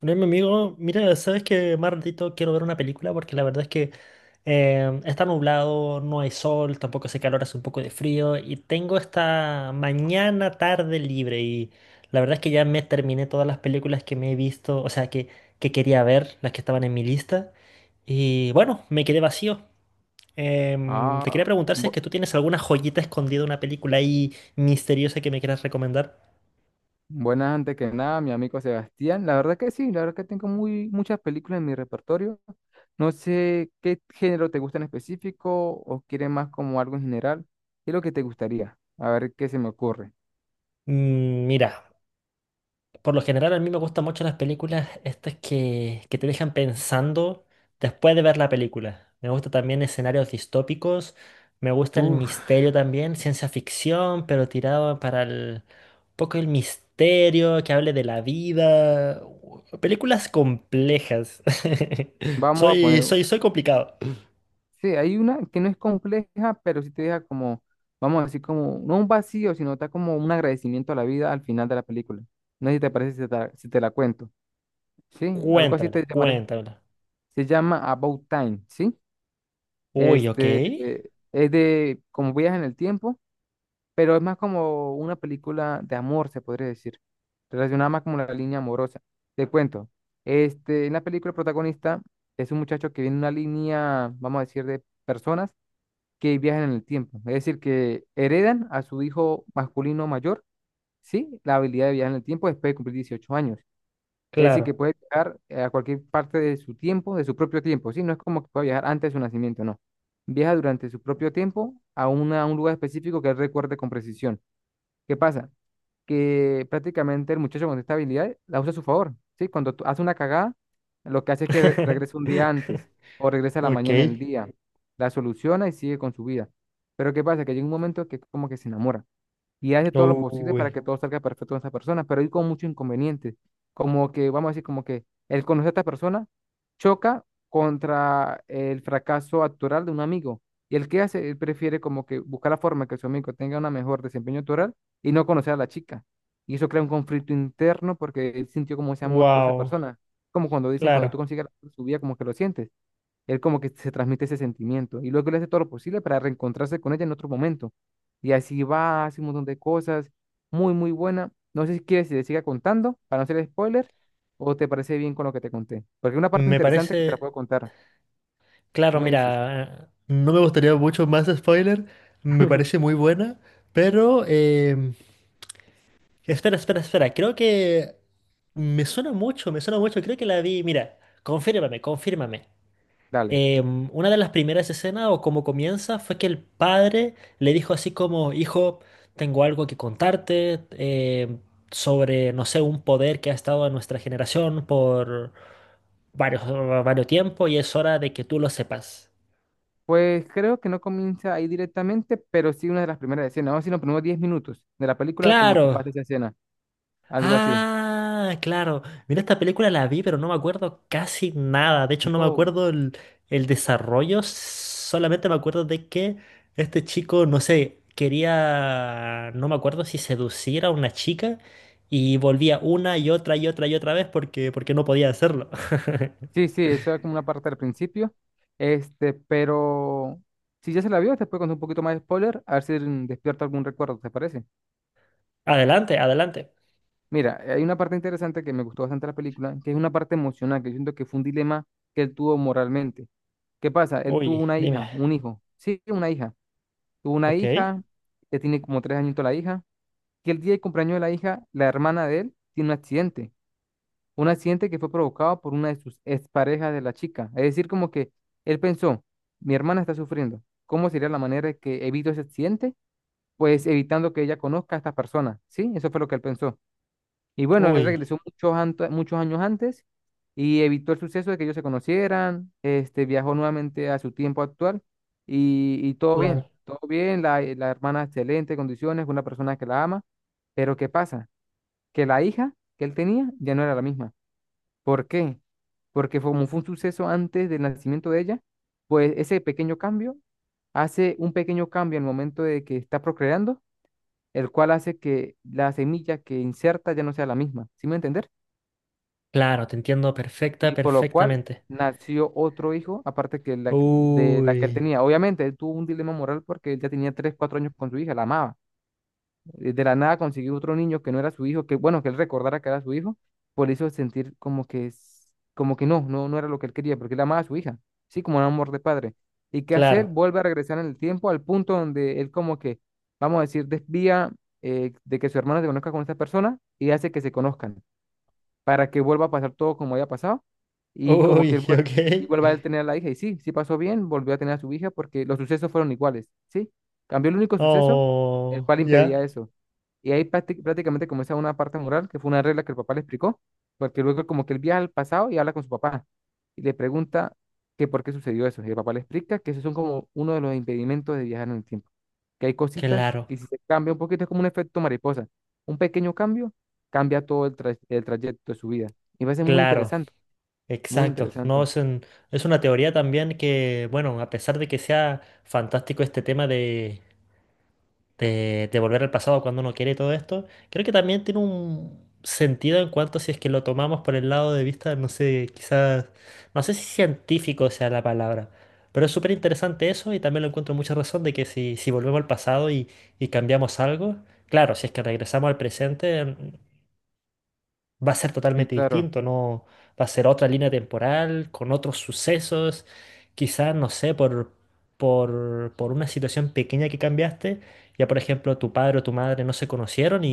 Bueno, mi amigo, mira, sabes que más ratito quiero ver una película porque la verdad es que está nublado, no hay sol, tampoco hace calor, hace un poco de frío y tengo esta mañana tarde libre y la verdad es que ya me terminé todas las películas que me he visto, o sea, que quería ver, las que estaban en mi lista y bueno, me quedé vacío. Te quería Ah, preguntar si es bu- que tú tienes alguna joyita escondida, una película ahí misteriosa que me quieras recomendar. buenas antes que nada, mi amigo Sebastián. La verdad que sí, la verdad que tengo muchas películas en mi repertorio. No sé qué género te gusta en específico o quieres más como algo en general. ¿Qué es lo que te gustaría? A ver qué se me ocurre. Mira. Por lo general, a mí me gustan mucho las películas estas que te dejan pensando después de ver la película. Me gustan también escenarios distópicos, me gusta el Uf, misterio también, ciencia ficción, pero tirado para el un poco el misterio, que hable de la vida. Películas complejas. Vamos a Soy, poner. soy, soy complicado. Sí, hay una que no es compleja, pero sí te deja como, vamos a decir, como, no un vacío, sino está como un agradecimiento a la vida al final de la película. No sé si te parece si si te la cuento. Sí, algo así Cuéntamela, te llamaré. cuéntamela. Se llama About Time, ¿sí? Uy, ok. Es de como viajes en el tiempo, pero es más como una película de amor, se podría decir, relacionada más como la línea amorosa. Te cuento, en la película el protagonista es un muchacho que viene de una línea, vamos a decir, de personas que viajan en el tiempo, es decir, que heredan a su hijo masculino mayor, ¿sí? La habilidad de viajar en el tiempo después de cumplir 18 años. Es decir, que Claro. puede viajar a cualquier parte de su tiempo, de su propio tiempo, ¿sí? No es como que pueda viajar antes de su nacimiento, no. Viaja durante su propio tiempo a, a un lugar específico que él recuerde con precisión. ¿Qué pasa? Que prácticamente el muchacho con esta habilidad la usa a su favor, ¿sí? Hace una cagada, lo que hace es que regresa un día antes o regresa a la mañana del Ok. día, la soluciona y sigue con su vida. Pero ¿qué pasa? Que llega un momento que como que se enamora y hace todo lo posible para Uy. que todo salga perfecto con esa persona, pero hay como muchos inconvenientes, como que, vamos a decir, como que el conocer a esta persona choca contra el fracaso actoral de un amigo. Y el que hace, él prefiere como que buscar la forma que su amigo tenga un mejor desempeño actoral y no conocer a la chica. Y eso crea un conflicto interno porque él sintió como ese amor por esa Wow. persona. Como cuando dicen, cuando tú Claro, consigues el amor de su vida, como que lo sientes. Él como que se transmite ese sentimiento y luego él hace todo lo posible para reencontrarse con ella en otro momento. Y así va, hace un montón de cosas, muy, muy buena. No sé si quieres que te siga contando para no hacer spoiler o te parece bien con lo que te conté. Porque hay una parte me interesante que te la parece, puedo contar. Tú claro, me dices. mira, no me gustaría mucho más spoiler, me parece muy buena, pero espera, espera, espera, creo que me suena mucho, creo que la vi, mira, confírmame, confírmame. Dale. Una de las primeras escenas o como comienza fue que el padre le dijo así como, hijo, tengo algo que contarte sobre, no sé, un poder que ha estado en nuestra generación por varios, varios tiempo y es hora de que tú lo sepas. Pues creo que no comienza ahí directamente, pero sí una de las primeras escenas. Vamos a decir los primeros 10 minutos de la película, como Claro. que pasa esa escena, algo así. Ah, claro. Mira, esta película la vi, pero no me acuerdo casi nada. De hecho, no me No. acuerdo el desarrollo. Solamente me acuerdo de que este chico, no sé, quería, no me acuerdo si seducir a una chica y volvía una y otra y otra y otra vez porque no podía hacerlo. Sí, sí, eso era como una parte al principio. Pero si ya se la vio, te puedo contar un poquito más de spoiler, a ver si despierta algún recuerdo, ¿te parece? Adelante, adelante. Mira, hay una parte interesante que me gustó bastante de la película, que es una parte emocional, que yo siento que fue un dilema que él tuvo moralmente. ¿Qué pasa? Él tuvo Uy, una dime. hija, un hijo. Sí, una hija. Tuvo una Ok. hija, que tiene como tres añitos la hija, que el día del cumpleaños de la hija, la hermana de él, tiene un accidente. Un accidente que fue provocado por una de sus exparejas de la chica. Es decir, como que él pensó, mi hermana está sufriendo. ¿Cómo sería la manera de que evito ese accidente? Pues evitando que ella conozca a esta persona, ¿sí? Eso fue lo que él pensó. Y bueno, él Uy, regresó muchos años antes y evitó el suceso de que ellos se conocieran. Viajó nuevamente a su tiempo actual y todo claro. bien, todo bien. La hermana excelente condiciones, una persona que la ama. Pero ¿qué pasa? Que la hija que él tenía ya no era la misma. ¿Por qué? Porque como fue un suceso antes del nacimiento de ella, pues ese pequeño cambio hace un pequeño cambio en el momento de que está procreando, el cual hace que la semilla que inserta ya no sea la misma, ¿sí me entender? Claro, te entiendo Y por lo cual perfectamente. nació otro hijo, aparte que de la que él Uy, tenía. Obviamente, él tuvo un dilema moral porque él ya tenía 3, 4 años con su hija, la amaba. De la nada consiguió otro niño que no era su hijo, que bueno, que él recordara que era su hijo, por hizo sentir como que, como que no era lo que él quería, porque él amaba a su hija, sí, como un amor de padre. ¿Y qué hacer? claro. Vuelve a regresar en el tiempo al punto donde él como que, vamos a decir, desvía de que su hermano se conozca con esta persona y hace que se conozcan para que vuelva a pasar todo como había pasado y como Uy, que ok. y vuelva a él tener a la hija. Y sí, sí pasó bien, volvió a tener a su hija porque los sucesos fueron iguales, ¿sí? Cambió el único suceso, el Oh, cual impedía ya. eso. Y ahí prácticamente comienza una parte moral, que fue una regla que el papá le explicó, porque luego como que él viaja al pasado y habla con su papá y le pregunta que por qué sucedió eso. Y el papá le explica que esos son como uno de los impedimentos de viajar en el tiempo que hay cositas Claro, que si se cambia un poquito es como un efecto mariposa. Un pequeño cambio cambia todo el trayecto de su vida. Y va a ser muy claro, interesante, muy exacto. No, interesante. Es una teoría también que, bueno, a pesar de que sea fantástico este tema de volver al pasado cuando uno quiere y todo esto, creo que también tiene un sentido en cuanto si es que lo tomamos por el lado de vista, no sé, quizás, no sé si científico sea la palabra, pero es súper interesante eso y también lo encuentro mucha razón de que si volvemos al pasado y cambiamos algo, claro, si es que regresamos al presente, va a ser Sí, totalmente claro. distinto, no va a ser otra línea temporal, con otros sucesos, quizás, no sé, por una situación pequeña que cambiaste, ya por ejemplo tu padre o tu madre no se conocieron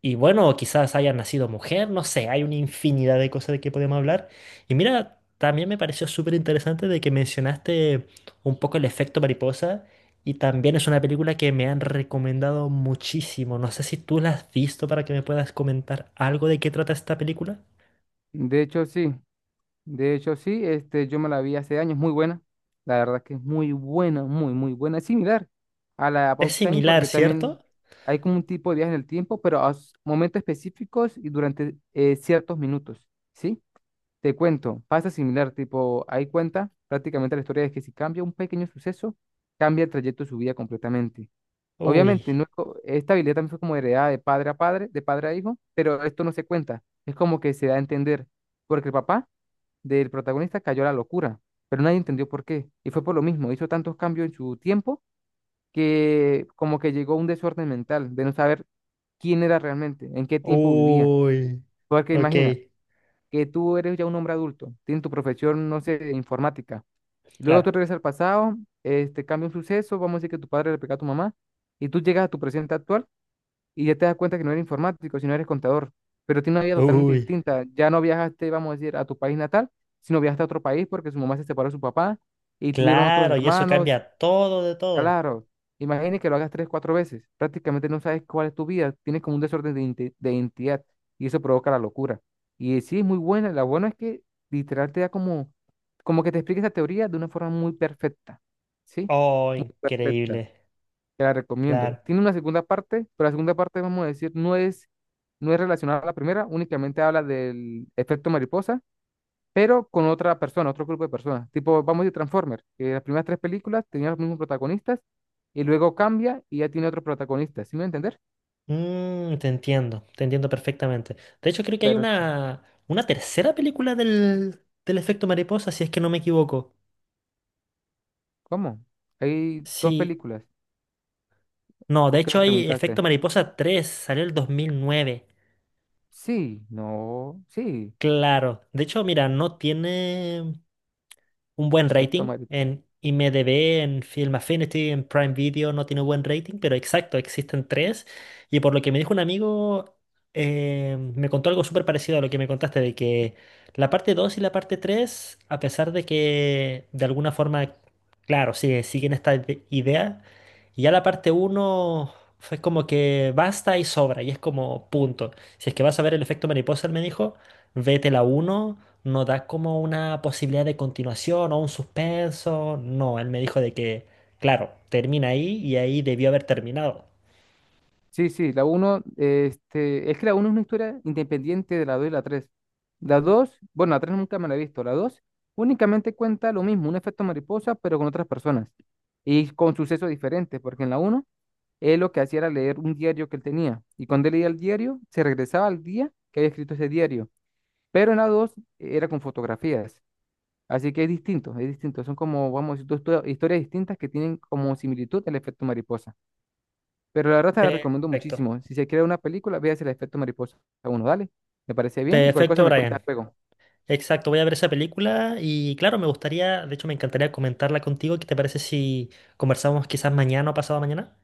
y bueno, quizás haya nacido mujer, no sé, hay una infinidad de cosas de que podemos hablar. Y mira, también me pareció súper interesante de que mencionaste un poco el efecto mariposa. Y también es una película que me han recomendado muchísimo. No sé si tú la has visto para que me puedas comentar algo de qué trata esta película. De hecho, sí. De hecho, sí. Yo me la vi hace años, muy buena. La verdad que es muy buena, muy, muy buena. Es similar a la Es About Time similar, porque también ¿cierto? hay como un tipo de viaje en el tiempo, pero a momentos específicos y durante ciertos minutos, ¿sí? Te cuento, pasa similar, tipo, hay cuenta prácticamente la historia de que si cambia un pequeño suceso, cambia el trayecto de su vida completamente. Uy, Obviamente, no es co- esta habilidad también fue como heredada de padre a padre, de padre a hijo, pero esto no se cuenta. Es como que se da a entender, porque el papá del protagonista cayó a la locura, pero nadie entendió por qué. Y fue por lo mismo, hizo tantos cambios en su tiempo que como que llegó a un desorden mental de no saber quién era realmente, en qué tiempo vivía. uy, Porque ok, imagina que tú eres ya un hombre adulto, tienes tu profesión, no sé, de informática. Y luego tú claro. regresas al pasado, cambia un suceso, vamos a decir que tu padre le pegó a tu mamá, y tú llegas a tu presente actual y ya te das cuenta que no eres informático, sino eres contador, pero tienes una vida totalmente Uy, distinta. Ya no viajaste, vamos a decir, a tu país natal, sino viajaste a otro país porque su mamá se separó de su papá y tuvieron otros claro, y eso hermanos. cambia todo de todo. Claro, imagine que lo hagas tres, cuatro veces. Prácticamente no sabes cuál es tu vida. Tienes como un desorden de, de identidad y eso provoca la locura. Y sí, es muy buena. La buena es que literal te da como, como que te explica esa teoría de una forma muy perfecta. ¿Sí? Oh, Muy perfecta. increíble, Te la recomiendo. claro. Tiene una segunda parte, pero la segunda parte, vamos a decir, no es relacionada a la primera. Únicamente habla del efecto mariposa pero con otra persona, otro grupo de personas. Tipo, vamos a decir Transformers, que las primeras tres películas tenían los mismos protagonistas y luego cambia y ya tiene otro protagonista, ¿sí me voy a entender? Te entiendo, te entiendo perfectamente. De hecho, creo que hay Pero, sí, una tercera película del efecto mariposa, si es que no me equivoco. ¿cómo? Hay dos Sí, películas. no, de ¿Por qué hecho me hay efecto preguntaste? mariposa 3 salió el 2009. Sí, no, sí, Claro, de hecho, mira, no tiene. Un buen me rating. toma- En IMDb, en Film Affinity, en Prime Video no tiene buen rating, pero exacto, existen tres. Y por lo que me dijo un amigo, me contó algo súper parecido a lo que me contaste, de que la parte 2 y la parte 3 a pesar de que de alguna forma, claro, sí, siguen esta idea, y ya la parte uno fue como que basta y sobra, y es como punto. Si es que vas a ver el efecto mariposa, él me dijo. Vete la uno no da como una posibilidad de continuación o un suspenso. No, él me dijo de que, claro, termina ahí y ahí debió haber terminado. Sí, sí, la uno, es que la uno es una historia independiente de la dos y la tres. La dos, bueno, la tres nunca me la he visto. La dos únicamente cuenta lo mismo, un efecto mariposa, pero con otras personas y con sucesos diferentes, porque en la uno él lo que hacía era leer un diario que él tenía. Y cuando él leía el diario, se regresaba al día que había escrito ese diario. Pero en la 2 era con fotografías. Así que es distinto, es distinto. Son como, vamos, a decir, dos historias distintas que tienen como similitud el efecto mariposa. Pero la verdad te la recomiendo Perfecto. muchísimo. Si se crea una película, véase el efecto mariposa. A uno, dale. Me parece bien. Y cualquier cosa Perfecto, me cuenta Brian. luego. Exacto, voy a ver esa película y claro, me gustaría, de hecho me encantaría comentarla contigo. ¿Qué te parece si conversamos quizás mañana o pasado mañana?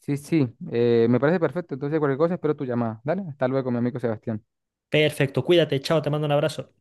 Sí, sí, me parece perfecto. Entonces, cualquier cosa espero tu llamada. Dale, hasta luego, mi amigo Sebastián. Perfecto, cuídate, chao, te mando un abrazo.